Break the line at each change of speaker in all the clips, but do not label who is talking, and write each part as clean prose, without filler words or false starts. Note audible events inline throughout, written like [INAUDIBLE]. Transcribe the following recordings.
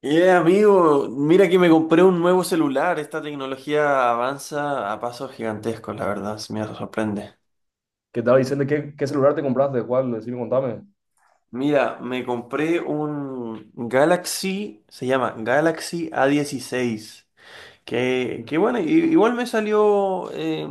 Amigo, mira que me compré un nuevo celular. Esta tecnología avanza a pasos gigantescos, la verdad, se me sorprende.
Que estaba diciendo qué celular te compraste, cuál, decime, contame.
Mira, me compré un Galaxy, se llama Galaxy a 16. Que bueno, igual me salió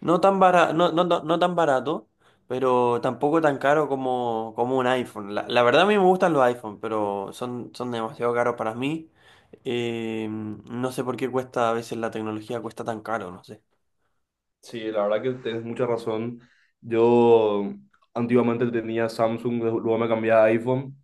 no tan barato, no tan barato, pero tampoco tan caro como un iPhone. La verdad a mí me gustan los iPhone, pero son demasiado caros para mí. No sé por qué cuesta, a veces la tecnología cuesta tan caro, no sé.
Sí, la verdad que tienes mucha razón. Yo antiguamente tenía Samsung, luego me cambié a iPhone,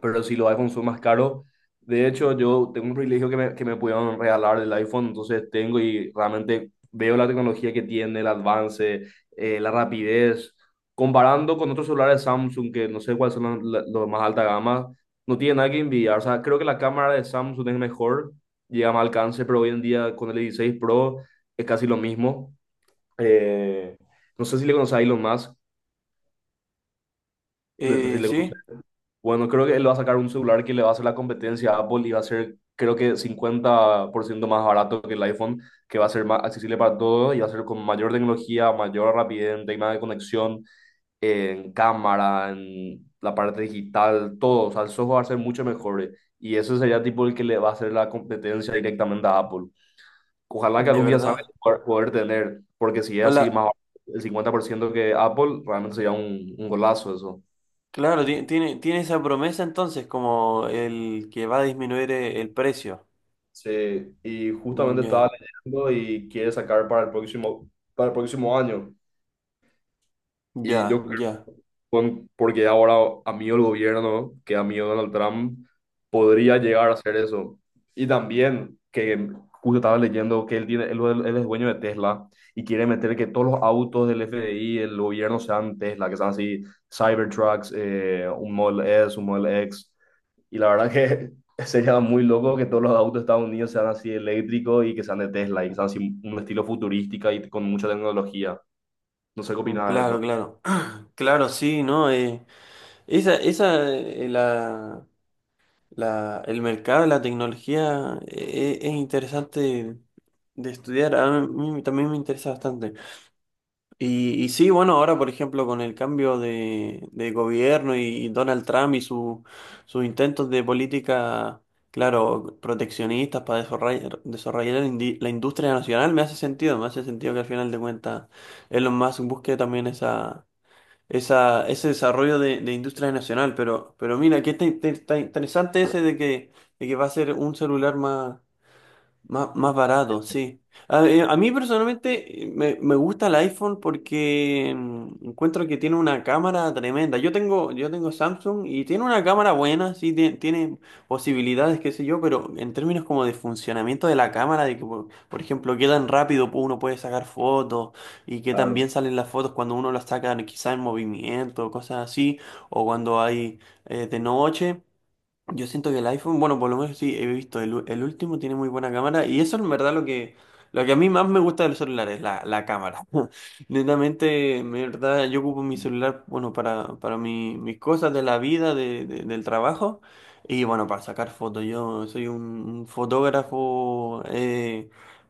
pero si los iPhones son más caros. De hecho, yo tengo un privilegio que me pudieron regalar el iPhone, entonces tengo y realmente veo la tecnología que tiene, el avance, la rapidez, comparando con otros celulares Samsung, que no sé cuáles son los más alta gama. No tiene nada que envidiar, o sea, creo que la cámara de Samsung es mejor, llega a más alcance, pero hoy en día con el 16 Pro es casi lo mismo. Eh, no sé si le conoces a Elon Musk. Si le conoces,
Sí,
bueno, creo que él va a sacar un celular que le va a hacer la competencia a Apple y va a ser, creo que 50% más barato que el iPhone, que va a ser más accesible para todos y va a ser con mayor tecnología, mayor rapidez en tema de conexión, en cámara, en la parte digital, todo. O sea, el software va a ser mucho mejor, y ese sería tipo el que le va a hacer la competencia directamente a Apple. Ojalá que
de
algún día salga
verdad.
y poder tener, porque si es
Con
así más
la,
barato, el 50% que Apple, realmente sería un golazo eso.
claro, tiene esa promesa entonces como el que va a disminuir el precio.
Sí, y
Mm,
justamente
ya,
estaba leyendo y quiere sacar para el próximo año. Y
ya,
yo creo,
ya.
porque ahora, amigo, el gobierno, que amigo Donald Trump, podría llegar a hacer eso. Y también que justo estaba leyendo que él es dueño de Tesla y quiere meter que todos los autos del FDI, del gobierno, sean Tesla, que sean así Cybertrucks, un Model S, un Model X. Y la verdad que [LAUGHS] sería muy loco que todos los autos de Estados Unidos sean así eléctricos y que sean de Tesla y que sean así un estilo futurística y con mucha tecnología. No sé qué
Mm,
opinas de eso.
claro, claro. [CLEARS THROAT] Claro, sí, ¿no? Esa, esa, eh, la, el mercado, la tecnología, es interesante de estudiar. A mí también me interesa bastante. Y sí, bueno, ahora, por ejemplo, con el cambio de gobierno y Donald Trump y sus intentos de política, claro, proteccionistas para desarrollar, la industria nacional, me hace sentido que al final de cuentas Elon Musk busque también ese desarrollo de industria nacional. Pero mira, qué tan tan interesante ese de que va a ser un celular más barato, sí. A mí personalmente me gusta el iPhone porque encuentro que tiene una cámara tremenda. Yo tengo Samsung y tiene una cámara buena, sí, posibilidades, qué sé yo, pero en términos como de funcionamiento de la cámara, de que, por ejemplo, qué tan rápido uno puede sacar fotos y qué tan bien salen las fotos cuando uno las saca quizá en movimiento, cosas así, o cuando hay de noche. Yo siento que el iPhone, bueno, por lo menos sí, he visto, el último tiene muy buena cámara y eso en verdad lo que a mí más me gusta de los celulares, la cámara. [LAUGHS] Netamente, en verdad, yo ocupo mi celular, bueno, para mis cosas de la vida, del trabajo y bueno, para sacar fotos. Yo soy un fotógrafo,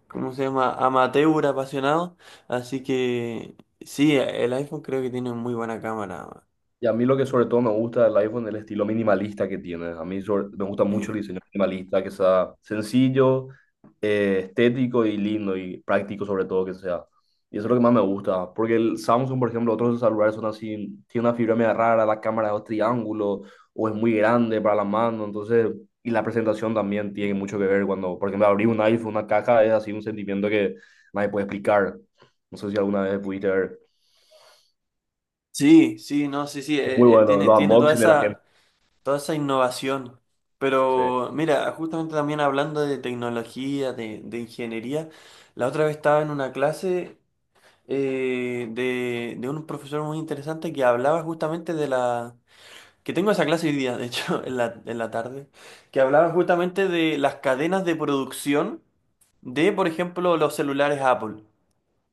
¿cómo se llama? Amateur, apasionado, así que sí, el iPhone creo que tiene muy buena cámara.
Y a mí lo que sobre todo me gusta del iPhone es el estilo minimalista que tiene. A mí me gusta mucho
Mm.
el diseño minimalista, que sea sencillo, estético y lindo y práctico sobre todo que sea. Y eso es lo que más me gusta. Porque el Samsung, por ejemplo, otros celulares son así, tiene una fibra media rara, la cámara es un triángulo o es muy grande para la mano. Entonces, y la presentación también tiene mucho que ver cuando, por ejemplo, abrir un iPhone, una caja, es así un sentimiento que nadie puede explicar. No sé si alguna vez pudiste ver.
Sí, sí, no, sí, sí,
Es muy bueno, los
tiene
unboxing de la gente.
toda esa innovación.
Sí.
Pero mira, justamente también hablando de tecnología, de ingeniería, la otra vez estaba en una clase de un profesor muy interesante que hablaba justamente de la... Que tengo esa clase hoy día, de hecho, [LAUGHS] en la tarde, que hablaba justamente de las cadenas de producción de, por ejemplo, los celulares Apple.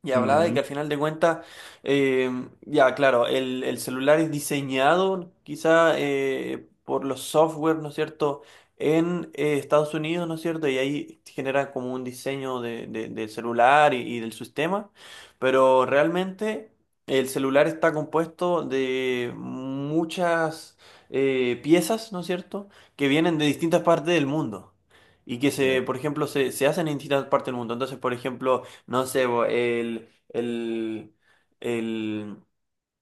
Y hablaba de que
Ujú,
al final de cuentas, eh, ya claro, el celular es diseñado quizá por los software, ¿no es cierto?, en Estados Unidos, ¿no es cierto?, y ahí genera como un diseño del celular y del sistema, pero realmente el celular está compuesto de muchas piezas, ¿no es cierto?, que vienen de distintas partes del mundo. Y que
sí.
se, por ejemplo, se hacen en distintas partes del mundo. Entonces, por ejemplo, no sé, bo, el,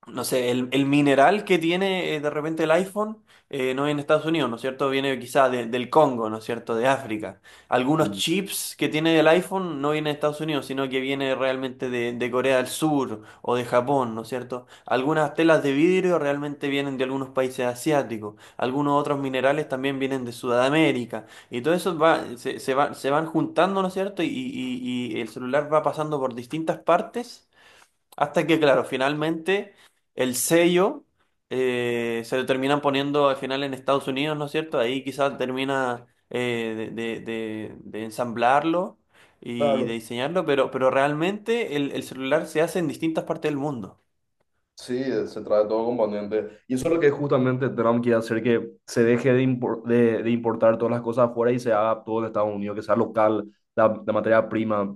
no sé, el mineral que tiene de repente el iPhone no viene de Estados Unidos, ¿no es cierto? Viene quizá del Congo, ¿no es cierto? De África. Algunos
Mm.
chips que tiene el iPhone no vienen de Estados Unidos, sino que viene realmente de Corea del Sur o de Japón, ¿no es cierto? Algunas telas de vidrio realmente vienen de algunos países asiáticos. Algunos otros minerales también vienen de Sudamérica. Y todo eso va, se van juntando, ¿no es cierto? Y el celular va pasando por distintas partes hasta que, claro, finalmente el sello se lo terminan poniendo al final en Estados Unidos, ¿no es cierto? Ahí quizás termina de ensamblarlo y de
Claro.
diseñarlo, pero realmente el celular se hace en distintas partes del mundo.
Sí, se trae todo componente. Y eso es lo que justamente Trump quiere hacer, que se deje de importar todas las cosas afuera y se haga todo en Estados Unidos, que sea local la materia prima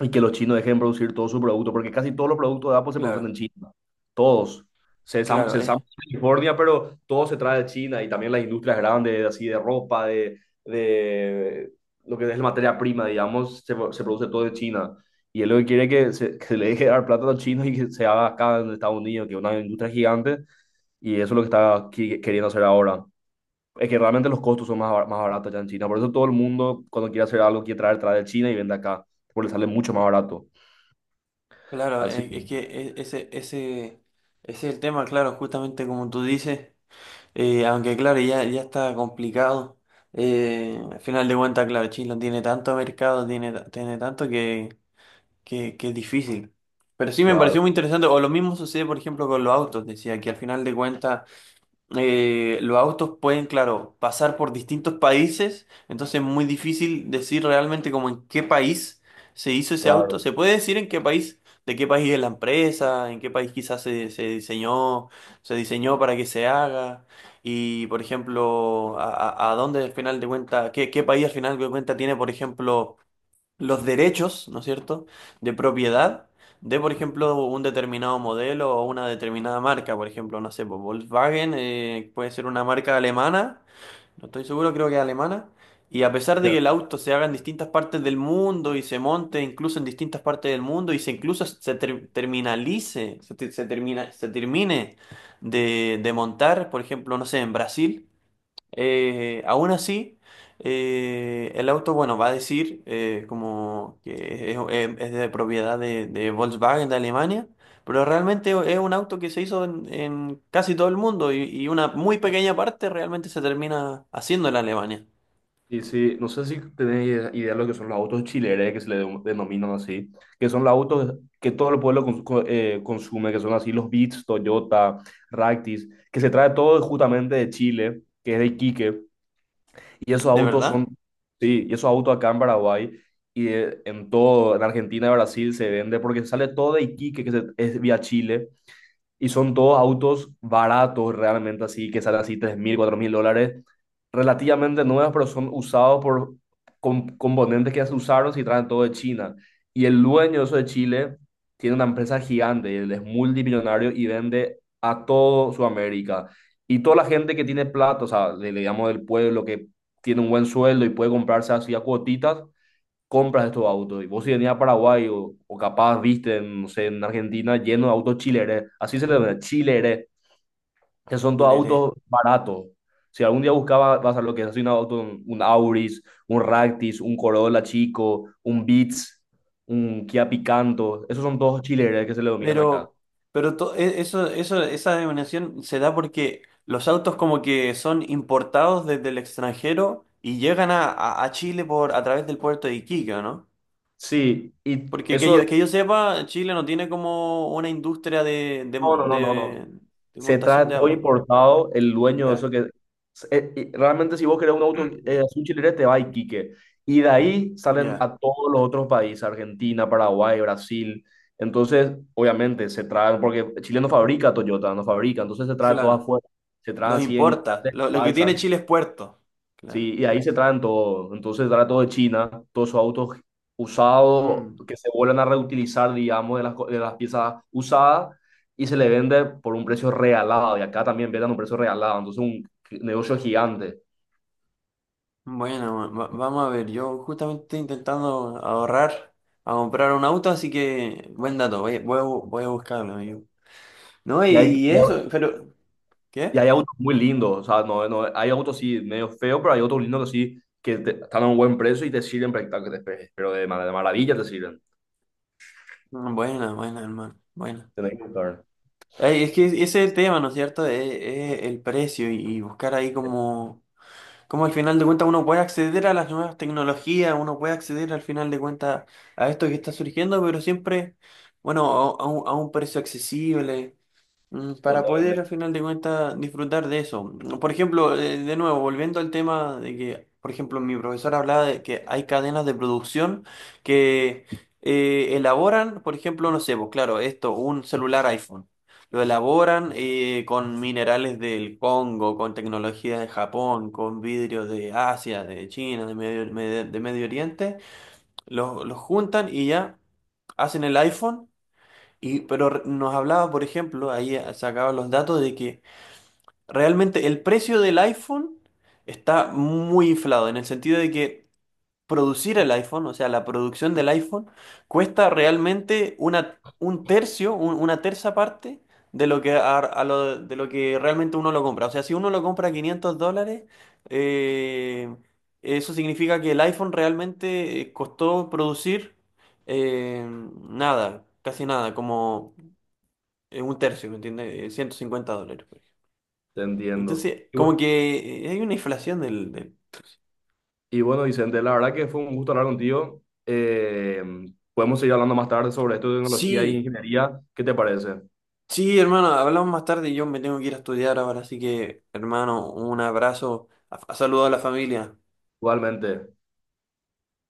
y que los chinos dejen producir todo su producto, porque casi todos los productos de Apple se producen en
Claro,
China. Todos. Se ensam-
claro,
se ensambla en California, pero todo se trae de China y también las industrias grandes, así de ropa, de lo que es la materia prima, digamos, se produce todo de China. Y él lo que quiere es que se le deje dar plata a los chinos y que se haga acá en Estados Unidos, que es una industria gigante. Y eso es lo que está queriendo hacer ahora. Es que realmente los costos son más baratos ya en China. Por eso todo el mundo, cuando quiere hacer algo, quiere traer, trae de China y vende acá, porque le sale mucho más barato. Así,
es que ese es el tema, claro, justamente como tú dices. Aunque claro, ya está complicado. Al final de cuentas, claro, Chile no tiene tanto mercado, tiene tanto que es difícil. Pero sí me pareció muy
claro,
interesante, o lo mismo sucede, por ejemplo, con los autos, decía que al final de cuentas los autos pueden, claro, pasar por distintos países, entonces es muy difícil decir realmente como en qué país se hizo ese auto.
claro.
Se puede decir en qué país, de qué país es la empresa, en qué país quizás se diseñó para que se haga, y por ejemplo, a dónde al final de cuenta, qué país al final de cuenta tiene, por ejemplo, los derechos, ¿no es cierto?, de propiedad de, por ejemplo, un determinado modelo o una determinada marca, por ejemplo, no sé, pues, Volkswagen puede ser una marca alemana, no estoy seguro, creo que es alemana, y a pesar
Sí.
de que el auto se haga en distintas partes del mundo y se monte incluso en distintas partes del mundo y se, te- se termina, se termine de montar, por ejemplo, no sé, en Brasil. Aún así, el auto, bueno, va a decir como que es de propiedad de Volkswagen de Alemania, pero realmente es un auto que se hizo en casi todo el mundo y una muy pequeña parte realmente se termina haciendo en Alemania,
Y sí, no sé si tenéis idea de lo que son los autos chileres, que se le denominan así, que son los autos que todo el pueblo consume, que son así los Beats, Toyota, Ractis, que se trae todo justamente de Chile, que es de Iquique, y esos
de
autos son,
verdad.
sí, y esos autos acá en Paraguay y en todo, en Argentina y Brasil se vende porque sale todo de Iquique, que es vía Chile, y son todos autos baratos realmente así, que salen así 3.000 4.000 dólares, relativamente nuevos, pero son usados por componentes que ya se usaron y traen todo de China. Y el dueño eso de Chile tiene una empresa gigante, él es multimillonario y vende a todo Sudamérica. Y toda la gente que tiene plata, o sea, le digamos del pueblo que tiene un buen sueldo y puede comprarse así a cuotitas, compras estos autos. Y vos si venís a Paraguay o capaz viste, en, no sé, en Argentina lleno de autos chileres, así se le llama, chileres, que son
Y
todos
le...
autos baratos. Si algún día buscaba, vas a lo que es así un auto, un Auris, un Ractis, un Corolla chico, un Beats, un Kia Picanto, esos son todos chileres que se le dominan acá.
Pero, esa denominación se da porque los autos como que son importados desde el extranjero y llegan a Chile a través del puerto de Iquique, ¿o no?
Sí, y
Porque
eso,
que yo sepa, Chile no tiene como una industria
no, no, no, no, no.
de
Se trae
montación de
todo
autos, por ejemplo.
importado, el dueño de eso
Ya,
que... Y realmente si vos querés un auto azul chileno, te va a Iquique. Y de ahí salen
ya,
a todos los otros países, Argentina, Paraguay, Brasil. Entonces, obviamente, se traen, porque Chile no fabrica Toyota, no fabrica, entonces se trae todo
claro.
afuera, se trae
Los
así en
importa.
grandes
Lo que
balsas.
tiene Chile es puerto. Claro.
Sí, y ahí se traen todo. Entonces trae todo de China, todos sus autos usados
Mm.
que se vuelven a reutilizar, digamos, de las piezas usadas y se le vende por un precio regalado. Y acá también venden a un precio regalado. Entonces un negocio gigante.
Bueno, vamos a ver. Yo justamente estoy intentando ahorrar a comprar un auto, así que buen dato. Voy a buscarlo, amigo. No,
Y hay,
y
y hay
eso, pero...
y
¿Qué?
hay autos muy lindos. O sea, no, no, hay autos sí medio feos, pero hay autos lindos que sí, que están a un buen precio y te sirven prácticamente, pero de maravilla te sirven.
Mm, buena, buena, hermano. Buena.
Tenés que buscar.
Ay, es que ese es el tema, ¿no es cierto? Es el precio y buscar ahí como al final de cuentas uno puede acceder a las nuevas tecnologías, uno puede acceder al final de cuentas a esto que está surgiendo, pero siempre, bueno, a un precio accesible. Para poder, al
Totalmente,
final de cuentas, disfrutar de eso. Por ejemplo, de nuevo, volviendo al tema de que, por ejemplo, mi profesor hablaba de que hay cadenas de producción que elaboran, por ejemplo, no sé, pues claro, esto, un celular iPhone. Lo elaboran con minerales del Congo, con tecnología de Japón, con vidrios de Asia, de China, de Medio Oriente. Los juntan y ya hacen el iPhone nos hablaba, por ejemplo, ahí sacaba los datos de que realmente el precio del iPhone está muy inflado, en el sentido de que producir el iPhone, o sea, la producción del iPhone, cuesta realmente un tercio, una terza parte de lo que, de lo que realmente uno lo compra. O sea, si uno lo compra a $500, eh, eso significa que el iPhone realmente costó producir eh, nada, casi nada, como un tercio, ¿me entiendes? $150, por ejemplo.
te entiendo.
Entonces, como que hay una inflación del...
Y bueno, Vicente, la verdad que fue un gusto hablar contigo. Podemos seguir hablando más tarde sobre esto de tecnología e
Sí,
ingeniería. ¿Qué te parece?
Sí, hermano, hablamos más tarde y yo me tengo que ir a estudiar ahora, así que, hermano, un abrazo, a saludo a la familia.
Igualmente.